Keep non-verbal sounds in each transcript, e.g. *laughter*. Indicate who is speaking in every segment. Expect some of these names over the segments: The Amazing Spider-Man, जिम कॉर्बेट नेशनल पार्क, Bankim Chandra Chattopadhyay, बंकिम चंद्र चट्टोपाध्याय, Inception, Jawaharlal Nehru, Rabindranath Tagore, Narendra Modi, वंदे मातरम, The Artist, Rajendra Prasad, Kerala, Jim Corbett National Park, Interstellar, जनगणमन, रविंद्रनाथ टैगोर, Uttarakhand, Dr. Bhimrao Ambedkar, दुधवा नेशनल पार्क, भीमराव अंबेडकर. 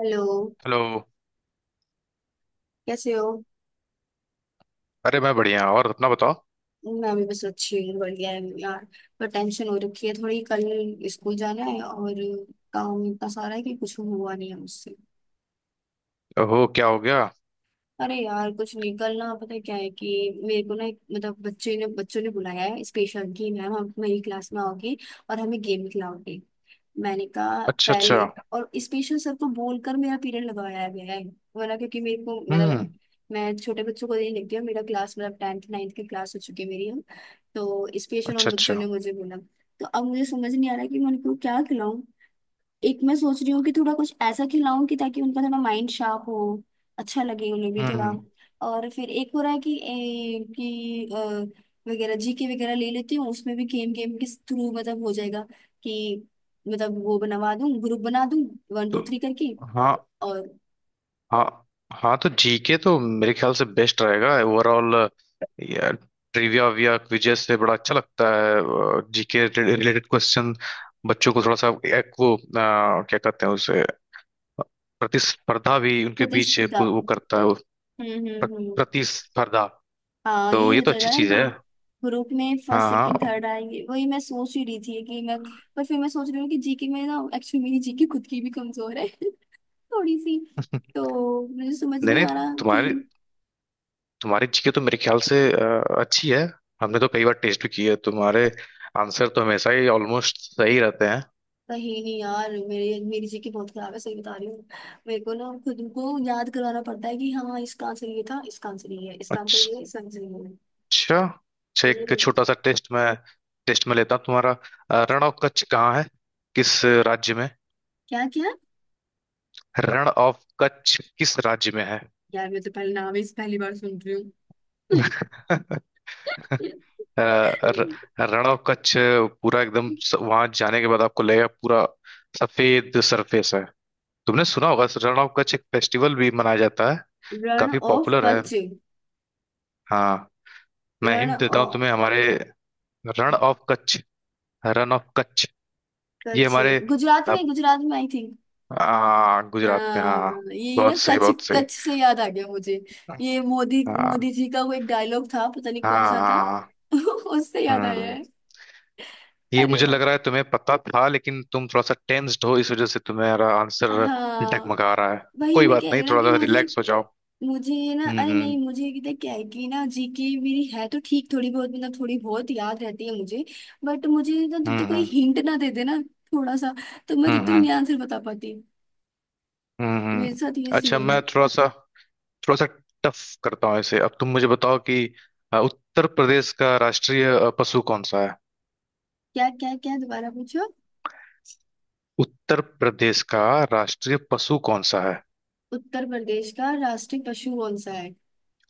Speaker 1: Hello.
Speaker 2: Hello.
Speaker 1: कैसे हो?
Speaker 2: अरे, मैं बढ़िया। और अपना बताओ?
Speaker 1: मैं भी बस अच्छी हूँ, बढ़िया है यार। पर टेंशन हो रखी है थोड़ी। कल स्कूल जाना है और काम इतना सारा है कि कुछ हुआ नहीं है मुझसे।
Speaker 2: ओहो, क्या हो गया?
Speaker 1: अरे यार कुछ नहीं, कल ना पता है क्या है कि मेरे को ना, एक मतलब बच्चे ने बच्चों ने बुलाया है, स्पेशल की मैम, हम मेरी क्लास में आओगी और हमें गेम खिलाओगी। मैंने कहा
Speaker 2: अच्छा, अच्छा।
Speaker 1: पहले। और स्पेशल सर को बोलकर मेरा पीरियड लगवाया गया है, वरना क्योंकि मेरे को मतलब
Speaker 2: हम्म।
Speaker 1: मैं छोटे बच्चों को नहीं लिखती हूँ, मेरा क्लास मतलब टेंथ नाइन्थ की क्लास हो चुकी है मेरी अब। तो स्पेशल उन
Speaker 2: अच्छा,
Speaker 1: बच्चों
Speaker 2: अच्छा।
Speaker 1: ने मुझे बोला। तो अब मुझे समझ नहीं आ रहा कि मैं उनको क्या खिलाऊं। एक मैं सोच रही हूँ कि थोड़ा कुछ ऐसा खिलाऊं कि ताकि उनका थोड़ा माइंड शार्प हो, अच्छा लगे उन्हें भी थोड़ा।
Speaker 2: हम्म।
Speaker 1: और फिर एक हो रहा है कि वगैरह जीके वगैरह ले लेती हूँ, उसमें भी गेम गेम के थ्रू मतलब हो जाएगा कि, मतलब वो बनवा दूँ, ग्रुप बना दूँ, वन टू
Speaker 2: तो।
Speaker 1: थ्री करके।
Speaker 2: हाँ
Speaker 1: और
Speaker 2: हाँ। हाँ, तो जीके तो मेरे ख्याल से बेस्ट रहेगा ओवरऑल। यार, ट्रिविया विया क्विजेस से बड़ा अच्छा लगता है जीके रिलेटेड क्वेश्चन बच्चों को थोड़ा सा। एक वो क्या कहते हैं उसे? प्रतिस्पर्धा भी उनके बीच एक
Speaker 1: प्रतिस्पर्धा।
Speaker 2: वो करता है वो। प्र-
Speaker 1: हम्म,
Speaker 2: प्रतिस्पर्धा।
Speaker 1: हाँ
Speaker 2: तो
Speaker 1: ये
Speaker 2: ये
Speaker 1: हो
Speaker 2: तो अच्छी
Speaker 1: जाएगा ना
Speaker 2: चीज
Speaker 1: कि
Speaker 2: है।
Speaker 1: ग्रुप में फर्स्ट
Speaker 2: हाँ,
Speaker 1: सेकंड
Speaker 2: हाँ।
Speaker 1: थर्ड आएंगे, वही मैं सोच ही रही थी कि मैं। पर फिर मैं सोच रही हूँ कि जीके में ना एक्चुअली मेरी जीके खुद की भी कमजोर है *laughs* थोड़ी सी।
Speaker 2: *laughs*
Speaker 1: तो मुझे समझ
Speaker 2: नहीं,
Speaker 1: नहीं
Speaker 2: नहीं,
Speaker 1: आ रहा कि,
Speaker 2: तुम्हारी तुम्हारी जीके तो मेरे ख्याल से अच्छी है। हमने तो कई बार टेस्ट भी की है, तुम्हारे आंसर तो हमेशा ही ऑलमोस्ट सही रहते हैं।
Speaker 1: कहीं नहीं यार, मेरे मेरी जी की बहुत खराब है, सही बता रही हूँ। मेरे को ना खुद को याद करवाना पड़ता है कि हाँ इसका आंसर ये था, इसका आंसर ये है, इसका आंसर
Speaker 2: अच्छा।
Speaker 1: ये है, इसका आंसर ये है।
Speaker 2: अच्छा, एक
Speaker 1: हम्म।
Speaker 2: छोटा सा टेस्ट में लेता हूँ तुम्हारा। रण ऑफ कच्छ कहाँ है? किस राज्य में?
Speaker 1: क्या क्या?
Speaker 2: रण ऑफ कच्छ किस राज्य में है?
Speaker 1: यार मैं तो पहले नाम ही इस पहली बार सुन रही हूँ।
Speaker 2: *laughs* अ, र-
Speaker 1: *laughs*
Speaker 2: रण ऑफ कच्छ पूरा एकदम। वहां जाने के बाद आपको लगेगा पूरा सफेद सरफेस है। तुमने सुना होगा, रण ऑफ कच्छ एक फेस्टिवल भी मनाया जाता है।
Speaker 1: रण
Speaker 2: काफी
Speaker 1: ऑफ
Speaker 2: पॉपुलर है।
Speaker 1: कच्छ।
Speaker 2: हाँ। मैं
Speaker 1: रण
Speaker 2: हिंट देता हूँ
Speaker 1: ऑफ
Speaker 2: तुम्हें हमारे। रण ऑफ कच्छ, रन ऑफ कच्छ, ये
Speaker 1: कच्छ
Speaker 2: हमारे।
Speaker 1: गुजरात में,
Speaker 2: अब,
Speaker 1: गुजरात में आई थी।
Speaker 2: गुजरात में,
Speaker 1: हाँ
Speaker 2: हाँ।
Speaker 1: यही ना,
Speaker 2: बहुत सही,
Speaker 1: कच
Speaker 2: बहुत सही।
Speaker 1: कच से याद आ गया मुझे, ये मोदी
Speaker 2: हाँ,
Speaker 1: मोदी जी का वो एक डायलॉग था, पता नहीं कौन
Speaker 2: हाँ।
Speaker 1: सा था।
Speaker 2: हाँ।
Speaker 1: *laughs* उससे याद आया
Speaker 2: हम्म।
Speaker 1: है।
Speaker 2: ये
Speaker 1: अरे
Speaker 2: मुझे
Speaker 1: वाह।
Speaker 2: लग रहा है तुम्हें पता था, लेकिन तुम थोड़ा सा टेंस्ड हो, इस वजह से तुम्हारा आंसर
Speaker 1: हाँ
Speaker 2: डगमगा रहा है।
Speaker 1: वही
Speaker 2: कोई
Speaker 1: मैं
Speaker 2: बात
Speaker 1: कह रही
Speaker 2: नहीं,
Speaker 1: हूँ ना
Speaker 2: थोड़ा
Speaker 1: कि
Speaker 2: सा
Speaker 1: मुझे,
Speaker 2: रिलैक्स हो जाओ।
Speaker 1: मुझे ये ना, अरे नहीं
Speaker 2: हम्म,
Speaker 1: मुझे ये कितना क्या है कि ना, जीके मेरी है तो ठीक, थोड़ी बहुत मतलब थोड़ी बहुत याद रहती है मुझे। बट मुझे ना जब
Speaker 2: हम्म,
Speaker 1: तक
Speaker 2: हम्म।
Speaker 1: कोई
Speaker 2: हम्म,
Speaker 1: हिंट ना दे दे ना, थोड़ा सा, तो मैं जब
Speaker 2: हम्म,
Speaker 1: तक नहीं आंसर बता पाती। मेरे
Speaker 2: हम्म।
Speaker 1: साथ ये
Speaker 2: अच्छा,
Speaker 1: सीन है।
Speaker 2: मैं थोड़ा सा टफ करता हूँ इसे। अब तुम मुझे बताओ कि उत्तर प्रदेश का राष्ट्रीय पशु कौन सा है?
Speaker 1: क्या क्या क्या दोबारा पूछो।
Speaker 2: उत्तर प्रदेश का राष्ट्रीय पशु कौन सा है?
Speaker 1: उत्तर प्रदेश का राष्ट्रीय पशु कौन सा है?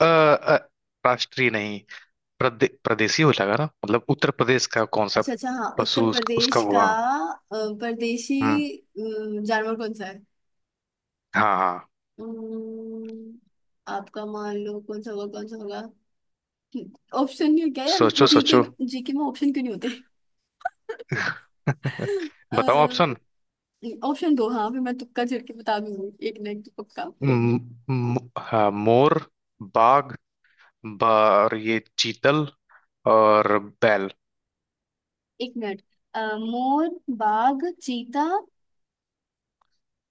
Speaker 2: अ, अ, राष्ट्रीय नहीं, प्रदेशी हो जाएगा ना, मतलब उत्तर प्रदेश का कौन सा
Speaker 1: अच्छा अच्छा हाँ,
Speaker 2: पशु
Speaker 1: उत्तर
Speaker 2: उसका
Speaker 1: प्रदेश
Speaker 2: वो,
Speaker 1: का
Speaker 2: हाँ।
Speaker 1: अ, परदेशी
Speaker 2: हम्म।
Speaker 1: जानवर कौन सा है।
Speaker 2: हाँ, हाँ।
Speaker 1: अम्म, आपका मान लो कौन सा होगा, कौन सा होगा? ऑप्शन नहीं क्या यार?
Speaker 2: सोचो,
Speaker 1: जीके
Speaker 2: सोचो।
Speaker 1: में, जीके में ऑप्शन क्यों नहीं होते?
Speaker 2: *laughs* बताओ ऑप्शन।
Speaker 1: *laughs* ऑप्शन दो, हाँ फिर मैं तुक्का झड़ के बता दूंगी, एक ना एक तो पक्का।
Speaker 2: म- हाँ, मोर, बाघ, और ये चीतल, और बैल।
Speaker 1: एक मिनट। मोर, बाघ, चीता,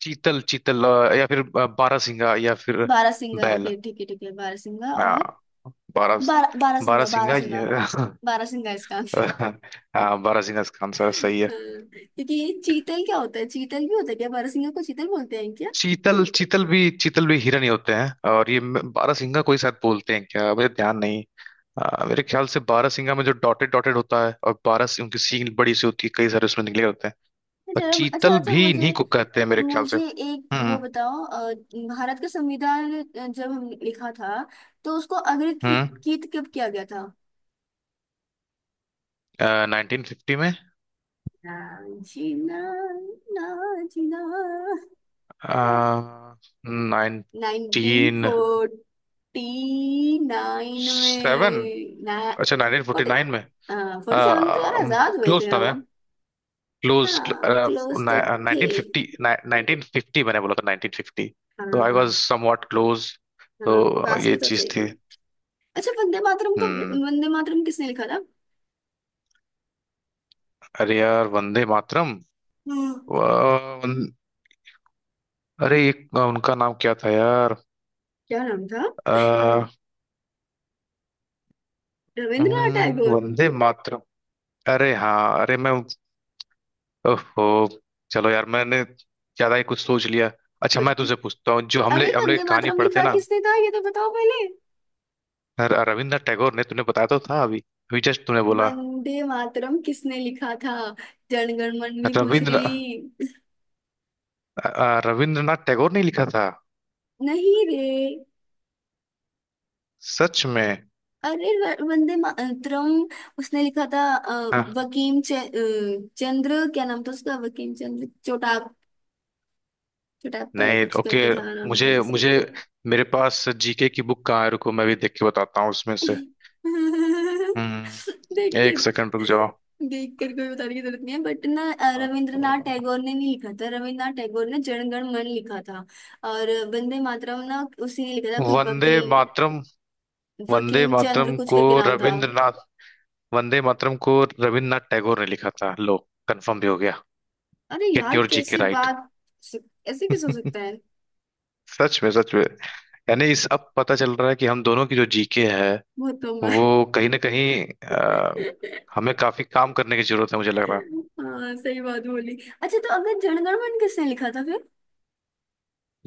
Speaker 2: चीतल, चीतल, या फिर बारहसिंगा, या फिर
Speaker 1: बारहसिंगा।
Speaker 2: बैल,
Speaker 1: ओके ठीक है ठीक है, बारहसिंगा
Speaker 2: ना।
Speaker 1: और
Speaker 2: बारह
Speaker 1: बारह, बारहसिंगा
Speaker 2: बारहसिंगा,
Speaker 1: बारहसिंगा,
Speaker 2: ये। *laughs*
Speaker 1: बारहसिंगा इसका,
Speaker 2: *laughs* हाँ, बारहसिंगा इसका आंसर है, सही है।
Speaker 1: हाँ। क्योंकि ये चीतल क्या होता है? चीतल भी होता है क्या? बारहसिंगा को चीतल बोलते हैं क्या?
Speaker 2: चीतल, चीतल भी हिरण ही होते हैं, और ये बारहसिंगा कोई शायद बोलते हैं क्या, मुझे ध्यान नहीं। मेरे ख्याल से बारहसिंगा में जो डॉटेड डॉटेड होता है, और बारह सिंह उनकी सींग बड़ी सी होती है, कई सारे उसमें निकले होते हैं। और
Speaker 1: जरा अच्छा
Speaker 2: चीतल
Speaker 1: अच्छा,
Speaker 2: भी
Speaker 1: मुझे,
Speaker 2: इन्हीं को कहते हैं, मेरे ख्याल से।
Speaker 1: मुझे एक वो
Speaker 2: हम्म।
Speaker 1: बताओ, भारत का संविधान जब हम लिखा था तो उसको
Speaker 2: हम्म।
Speaker 1: अंग्रेजीकृत कब किया गया था?
Speaker 2: नाइनटीन फिफ्टी में।
Speaker 1: ना जीना, ना जीना,
Speaker 2: नाइनटीन
Speaker 1: 1949
Speaker 2: सेवन।
Speaker 1: में ना,
Speaker 2: अच्छा, नाइनटीन फोर्टी
Speaker 1: फोर्टी,
Speaker 2: नाइन में।
Speaker 1: फोर्टी सेवन तो यार आजाद हुए
Speaker 2: क्लोज
Speaker 1: थे
Speaker 2: था मैं।
Speaker 1: हम।
Speaker 2: क्लोज।
Speaker 1: हाँ क्लोज तो थे।
Speaker 2: नाइनटीन फिफ्टी, नाइनटीन फिफ्टी मैंने बोला था, नाइनटीन फिफ्टी।
Speaker 1: हाँ
Speaker 2: तो आई
Speaker 1: हाँ,
Speaker 2: वॉज समवॉट क्लोज। तो
Speaker 1: हाँ पास
Speaker 2: ये
Speaker 1: में तो
Speaker 2: चीज
Speaker 1: थे।
Speaker 2: थी।
Speaker 1: अच्छा वंदे मातरम का,
Speaker 2: हम्म।
Speaker 1: वंदे मातरम किसने लिखा था?
Speaker 2: अरे यार, वंदे मातरम।
Speaker 1: हाँ,
Speaker 2: वा- वन- अरे, एक उनका नाम क्या था यार?
Speaker 1: क्या नाम था?
Speaker 2: अ,
Speaker 1: रविंद्रनाथ टैगोर।
Speaker 2: वंदे मातरम। अरे हाँ, अरे मैं, ओहो। चलो यार, मैंने ज्यादा ही कुछ सोच लिया। अच्छा, मैं
Speaker 1: बचपन-
Speaker 2: तुझसे पूछता हूँ, जो हमले
Speaker 1: अरे
Speaker 2: हमले
Speaker 1: वंदे
Speaker 2: कहानी
Speaker 1: मातरम
Speaker 2: पढ़ते हैं
Speaker 1: लिखा
Speaker 2: ना।
Speaker 1: किसने था ये तो बताओ पहले।
Speaker 2: रविंद्रनाथ टैगोर ने, तूने बताया तो था अभी। अभी जस्ट तूने बोला
Speaker 1: वंदे मातरम किसने लिखा था, जनगण मन में पूछ
Speaker 2: रविंद्र।
Speaker 1: रही।
Speaker 2: रविंद्रनाथ टैगोर ने लिखा था।
Speaker 1: नहीं रे।
Speaker 2: सच में?
Speaker 1: अरे वंदे मातरम उसने लिखा था
Speaker 2: हाँ।
Speaker 1: वकीम चंद्र, क्या नाम था उसका? वकीम चंद्र चोटाप, चोटाप्पा है
Speaker 2: नहीं,
Speaker 1: कुछ
Speaker 2: ओके।
Speaker 1: करके था, नाम था
Speaker 2: मुझे
Speaker 1: ऐसे।
Speaker 2: मुझे मेरे पास जीके की बुक कहाँ है? रुको, मैं भी देख के बताता हूँ उसमें से।
Speaker 1: *laughs* देख के?
Speaker 2: एक सेकंड रुक जाओ।
Speaker 1: देख कर कोई बताने की जरूरत नहीं है, बट ना रविंद्रनाथ टैगोर ने नहीं लिखा था, रविंद्रनाथ टैगोर ने जनगण मन लिखा था, और वंदे मातरम ना उसी ने लिखा था, कोई
Speaker 2: वंदे
Speaker 1: वकीम,
Speaker 2: मातरम, वंदे
Speaker 1: वकीम चंद्र
Speaker 2: मातरम
Speaker 1: कुछ
Speaker 2: को
Speaker 1: करके नाम था।
Speaker 2: रविंद्रनाथ, वंदे मातरम को रविंद्रनाथ टैगोर ने लिखा था, लो। कंफर्म भी हो गया।
Speaker 1: अरे
Speaker 2: गेट
Speaker 1: यार
Speaker 2: योर जीके
Speaker 1: कैसे
Speaker 2: राइट।
Speaker 1: बात, ऐसे कैसे हो सकता है?
Speaker 2: *laughs* सच में, सच में। यानी इस अब पता चल रहा है कि हम दोनों की जो जीके है,
Speaker 1: बहुत कम है।
Speaker 2: वो कहीं ना कहीं
Speaker 1: *laughs*
Speaker 2: हमें काफी काम करने की जरूरत है, मुझे लग रहा है।
Speaker 1: हाँ सही बात बोली। अच्छा तो अगर जनगण मन किसने लिखा था फिर?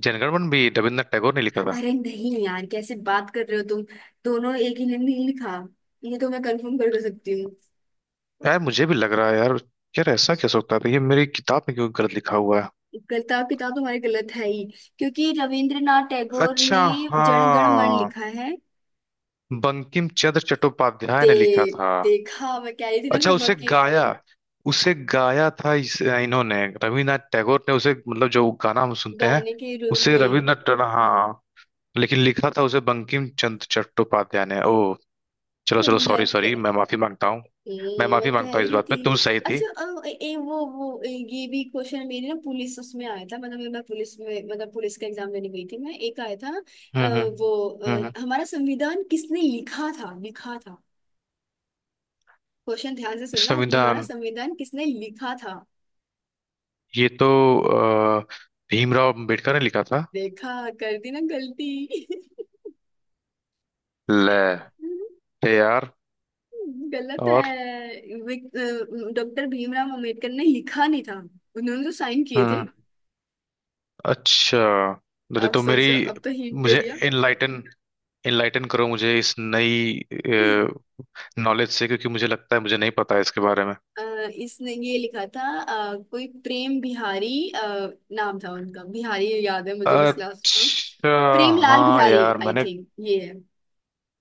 Speaker 2: जनगणमन भी रविन्द्रनाथ टैगोर ने लिखा था।
Speaker 1: अरे नहीं यार कैसे बात कर रहे हो तुम, दोनों एक ही ने नहीं लिखा, ये तो मैं कंफर्म कर कर सकती हूँ।
Speaker 2: यार, मुझे भी लग रहा है यार। यार, ऐसा क्या सकता था, ये मेरी किताब में क्यों गलत लिखा हुआ है?
Speaker 1: गलता किताब तुम्हारी गलत है ही, क्योंकि रविंद्रनाथ टैगोर
Speaker 2: अच्छा,
Speaker 1: ने जनगण मन
Speaker 2: हाँ,
Speaker 1: लिखा है।
Speaker 2: बंकिम चंद्र
Speaker 1: दे
Speaker 2: चट्टोपाध्याय ने लिखा था।
Speaker 1: देखा, मैं कह रही थी ना
Speaker 2: अच्छा,
Speaker 1: कोई
Speaker 2: उसे
Speaker 1: बाकी।
Speaker 2: गाया, उसे गाया था इन्होंने, रविन्द्रनाथ टैगोर ने उसे, मतलब जो गाना हम सुनते हैं,
Speaker 1: गाने के रूप
Speaker 2: उसे
Speaker 1: में।
Speaker 2: रविन्द्रनाथ, हाँ। लेकिन लिखा था उसे बंकिम चंद्र चट्टोपाध्याय ने, ओ। चलो, चलो,
Speaker 1: मैं।
Speaker 2: सॉरी, सॉरी, मैं माफी मांगता हूँ। मैं
Speaker 1: मैं
Speaker 2: माफी
Speaker 1: क्या
Speaker 2: मांगता हूँ,
Speaker 1: ही
Speaker 2: इस
Speaker 1: रही
Speaker 2: बात
Speaker 1: थी।
Speaker 2: में तू सही थी।
Speaker 1: अच्छा अ, ए, ए, वो ए, ये भी क्वेश्चन मेरी ना पुलिस उसमें आया था, मतलब मैं पुलिस में, मतलब पुलिस का एग्जाम देने गई थी मैं, एक आया था।
Speaker 2: हम्म,
Speaker 1: अ,
Speaker 2: हम्म,
Speaker 1: वो
Speaker 2: हम्म,
Speaker 1: हमारा संविधान किसने लिखा था, लिखा था। क्वेश्चन ध्यान से सुनना। हमारा
Speaker 2: संविधान?
Speaker 1: संविधान किसने लिखा था?
Speaker 2: ये तो अ, भीमराव अंबेडकर ने लिखा था।
Speaker 1: देखा, कर दी ना गलती।
Speaker 2: ले, ले यार।
Speaker 1: *laughs* गलत
Speaker 2: और,
Speaker 1: है। डॉक्टर भीमराव अंबेडकर ने लिखा नहीं था, उन्होंने तो साइन किए थे।
Speaker 2: हम्म। अच्छा, अरे
Speaker 1: अब
Speaker 2: तो मेरी,
Speaker 1: सोचो, अब तो हिंट दे
Speaker 2: मुझे
Speaker 1: दिया।
Speaker 2: इनलाइटन इनलाइटन करो मुझे इस नई
Speaker 1: *laughs*
Speaker 2: नॉलेज से, क्योंकि मुझे लगता है मुझे नहीं पता है इसके बारे में।
Speaker 1: अ, इसने ये लिखा था, कोई प्रेम बिहारी, नाम था उनका बिहारी, याद है मुझे बस लास्ट नाम।
Speaker 2: अच्छा,
Speaker 1: प्रेम लाल
Speaker 2: हाँ
Speaker 1: बिहारी
Speaker 2: यार,
Speaker 1: आई
Speaker 2: मैंने,
Speaker 1: थिंक ये है।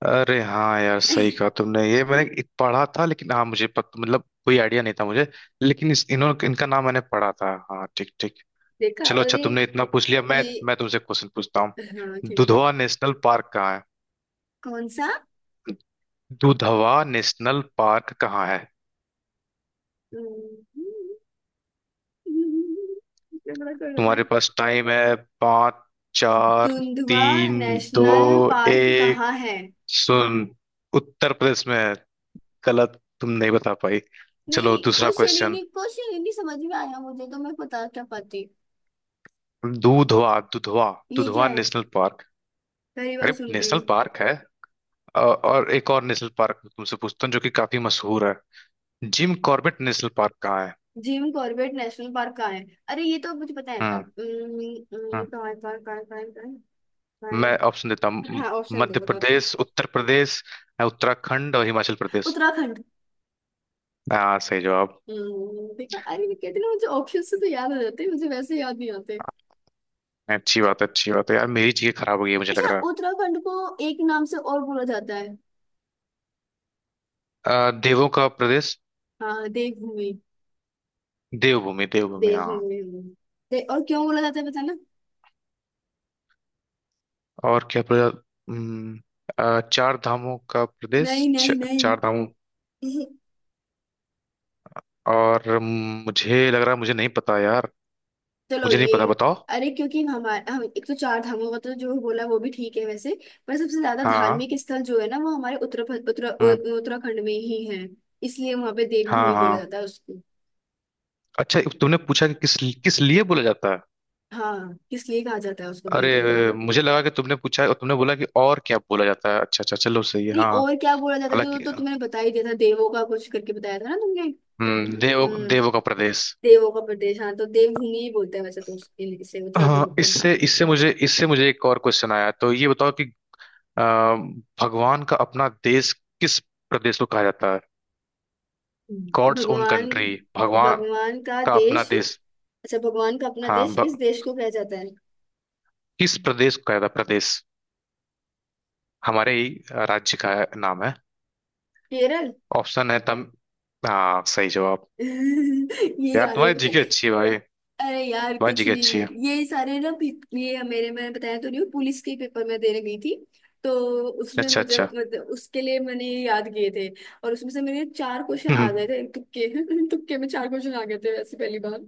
Speaker 2: अरे हाँ यार, सही कहा
Speaker 1: *laughs*
Speaker 2: तुमने, ये मैंने एक पढ़ा था, लेकिन हाँ मुझे मतलब कोई आइडिया नहीं था मुझे। लेकिन इस इन्होंने इनका नाम मैंने पढ़ा था, हाँ, ठीक, ठीक।
Speaker 1: देखा।
Speaker 2: चलो, अच्छा,
Speaker 1: अरे
Speaker 2: तुमने इतना पूछ लिया, मैं
Speaker 1: ये,
Speaker 2: मैं तुमसे क्वेश्चन पूछता हूँ।
Speaker 1: हाँ ठीक है।
Speaker 2: दुधवा नेशनल पार्क कहाँ है?
Speaker 1: कौन सा?
Speaker 2: दुधवा नेशनल पार्क कहाँ है?
Speaker 1: ये बड़ा कड़वा है।
Speaker 2: तुम्हारे पास टाइम है। पाँच, चार,
Speaker 1: दुंधवा
Speaker 2: तीन, दो,
Speaker 1: नेशनल पार्क
Speaker 2: एक।
Speaker 1: कहाँ है?
Speaker 2: सुन, उत्तर प्रदेश में है। गलत, तुम नहीं बता पाई।
Speaker 1: नहीं
Speaker 2: चलो, दूसरा
Speaker 1: क्वेश्चन ही
Speaker 2: क्वेश्चन।
Speaker 1: नहीं, क्वेश्चन ही नहीं समझ में आया मुझे तो, मैं बता क्या पाती?
Speaker 2: दूधवा, दुधवा,
Speaker 1: ये क्या
Speaker 2: दुधवा
Speaker 1: है?
Speaker 2: National park.
Speaker 1: पहली बार
Speaker 2: अरे,
Speaker 1: सुन रही हूँ।
Speaker 2: नेशनल पार्क है। अ- और एक और नेशनल पार्क मैं तुमसे पूछता हूँ जो कि काफी मशहूर है। जिम कॉर्बेट नेशनल पार्क कहाँ है?
Speaker 1: जिम कॉर्बेट नेशनल पार्क कहाँ है? अरे ये तो मुझे पता है।
Speaker 2: हम्म।
Speaker 1: उम्म,
Speaker 2: हम्म।
Speaker 1: उम्म, कहाँ है, कहाँ है, कहाँ है, कहाँ है, कहाँ है,
Speaker 2: मैं
Speaker 1: कहाँ
Speaker 2: ऑप्शन देता हूँ,
Speaker 1: है? हाँ ऑप्शन दो
Speaker 2: मध्य
Speaker 1: बताते हैं।
Speaker 2: प्रदेश, उत्तर प्रदेश, उत्तराखंड और हिमाचल प्रदेश।
Speaker 1: उत्तराखंड।
Speaker 2: हाँ, सही जवाब।
Speaker 1: देखा, अरे मैं कहती ना मुझे ऑप्शन से तो याद आ जाते हैं, मुझे वैसे याद नहीं आते।
Speaker 2: अच्छी बात है, अच्छी बात है यार, मेरी चीजें खराब हो गई है, मुझे लग
Speaker 1: अच्छा
Speaker 2: रहा
Speaker 1: उत्तराखंड को एक नाम से और बोला जाता है।
Speaker 2: है। देवों का प्रदेश।
Speaker 1: हाँ देवभूमि,
Speaker 2: देवभूमि, देवभूमि, हाँ।
Speaker 1: देवभूमि। हम्म। और क्यों बोला जाता है पता ना?
Speaker 2: और क्या प्रदेश? चार धामों का
Speaker 1: नहीं
Speaker 2: प्रदेश,
Speaker 1: नहीं नहीं।
Speaker 2: चार धामों।
Speaker 1: *laughs*
Speaker 2: और मुझे लग रहा है मुझे नहीं पता यार,
Speaker 1: चलो
Speaker 2: मुझे नहीं
Speaker 1: ये।
Speaker 2: पता, बताओ।
Speaker 1: अरे क्योंकि हमारे, हम एक तो चार धामों का तो जो बोला वो भी ठीक है वैसे, पर सबसे ज्यादा
Speaker 2: हाँ।
Speaker 1: धार्मिक स्थल जो है ना वो हमारे उत्तर उत्तर
Speaker 2: हम्म।
Speaker 1: उ- उत्तराखंड में ही है, इसलिए वहां पे
Speaker 2: हाँ,
Speaker 1: देवभूमि बोला
Speaker 2: हाँ।
Speaker 1: जाता है उसको।
Speaker 2: अच्छा, तुमने पूछा कि किस किस लिए बोला जाता है।
Speaker 1: हाँ इसलिए कहा जाता है उसको देवभूमि।
Speaker 2: अरे, मुझे लगा कि तुमने पूछा और तुमने बोला कि और क्या बोला जाता है। अच्छा, अच्छा, चलो, सही है,
Speaker 1: नहीं
Speaker 2: हाँ।
Speaker 1: और क्या बोला जाता है जो,
Speaker 2: हालांकि,
Speaker 1: तो तुमने बता ही दिया था, देवों का कुछ करके बताया था ना तुमने। हम्म,
Speaker 2: देवों का प्रदेश,
Speaker 1: देवों का प्रदेश, हाँ तो देवभूमि ही बोलते हैं वैसे तो इसे उत्तराखंड
Speaker 2: हाँ।
Speaker 1: को।
Speaker 2: इससे इससे मुझे एक और क्वेश्चन आया, तो ये बताओ कि अ, भगवान का अपना देश किस प्रदेश को कहा जाता है? गॉड्स ओन
Speaker 1: भगवान,
Speaker 2: कंट्री, भगवान
Speaker 1: भगवान का
Speaker 2: का अपना
Speaker 1: देश?
Speaker 2: देश।
Speaker 1: अच्छा भगवान का अपना
Speaker 2: हाँ,
Speaker 1: देश किस देश को कहा जाता है?
Speaker 2: किस प्रदेश को कहा जाता है प्रदेश, हमारे ही राज्य का नाम है।
Speaker 1: केरल। *laughs*
Speaker 2: ऑप्शन है तम हाँ, सही जवाब।
Speaker 1: ये
Speaker 2: यार,
Speaker 1: याद है,
Speaker 2: तुम्हारी
Speaker 1: पता है।
Speaker 2: जीके अच्छी है भाई,
Speaker 1: अरे यार
Speaker 2: तुम्हारी
Speaker 1: कुछ
Speaker 2: जीके
Speaker 1: नहीं,
Speaker 2: अच्छी है।
Speaker 1: ये सारे ना ये मेरे, मैंने बताया तो नहीं हूँ, पुलिस के पेपर में देने गई थी, तो उसमें
Speaker 2: अच्छा,
Speaker 1: मुझे
Speaker 2: अच्छा।
Speaker 1: मतलब उसके लिए मैंने ये याद किए थे, और उसमें से मेरे चार क्वेश्चन
Speaker 2: हम्म।
Speaker 1: आ
Speaker 2: हम्म।
Speaker 1: गए थे तुक्के। *laughs* तुक्के में चार क्वेश्चन आ गए थे वैसे पहली बार।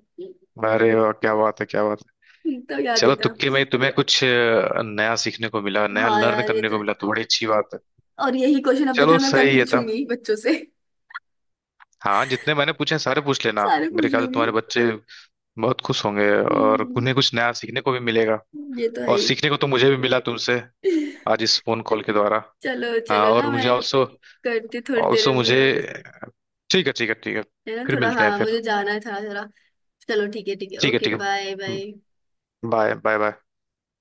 Speaker 2: अरे वाह, क्या बात है, क्या बात है।
Speaker 1: तो याद
Speaker 2: चलो,
Speaker 1: है था।
Speaker 2: तुक्के में तुम्हें कुछ नया सीखने को मिला, नया
Speaker 1: हाँ
Speaker 2: लर्न
Speaker 1: यार ये
Speaker 2: करने
Speaker 1: तो
Speaker 2: को
Speaker 1: है।
Speaker 2: मिला, तो बड़ी अच्छी बात है।
Speaker 1: और यही क्वेश्चन अब
Speaker 2: चलो,
Speaker 1: देखना मैं कल
Speaker 2: सही है तब।
Speaker 1: पूछूंगी बच्चों से। *laughs*
Speaker 2: हाँ, जितने मैंने पूछे हैं, सारे पूछ लेना।
Speaker 1: सारे
Speaker 2: मेरे
Speaker 1: पूछ
Speaker 2: ख्याल से
Speaker 1: लूंगी।
Speaker 2: तुम्हारे बच्चे बहुत खुश होंगे, और
Speaker 1: हम्म,
Speaker 2: उन्हें कुछ नया सीखने को भी मिलेगा।
Speaker 1: ये तो है
Speaker 2: और
Speaker 1: ही।
Speaker 2: सीखने को तो मुझे भी मिला तुमसे,
Speaker 1: *laughs*
Speaker 2: आज इस फोन कॉल के द्वारा।
Speaker 1: चलो
Speaker 2: हाँ,
Speaker 1: चलो ना,
Speaker 2: और मुझे
Speaker 1: मैं
Speaker 2: ऑल्सो,
Speaker 1: करती हूँ थोड़ी देर
Speaker 2: ऑल्सो
Speaker 1: में
Speaker 2: मुझे
Speaker 1: बात।
Speaker 2: ठीक है, ठीक है, ठीक है।
Speaker 1: है ना
Speaker 2: फिर
Speaker 1: थोड़ा,
Speaker 2: मिलते हैं
Speaker 1: हाँ
Speaker 2: फिर।
Speaker 1: मुझे जाना है थोड़ा थोड़ा। चलो ठीक है ठीक है,
Speaker 2: ठीक है,
Speaker 1: ओके
Speaker 2: ठीक
Speaker 1: बाय
Speaker 2: है।
Speaker 1: बाय।
Speaker 2: Bye, bye, bye.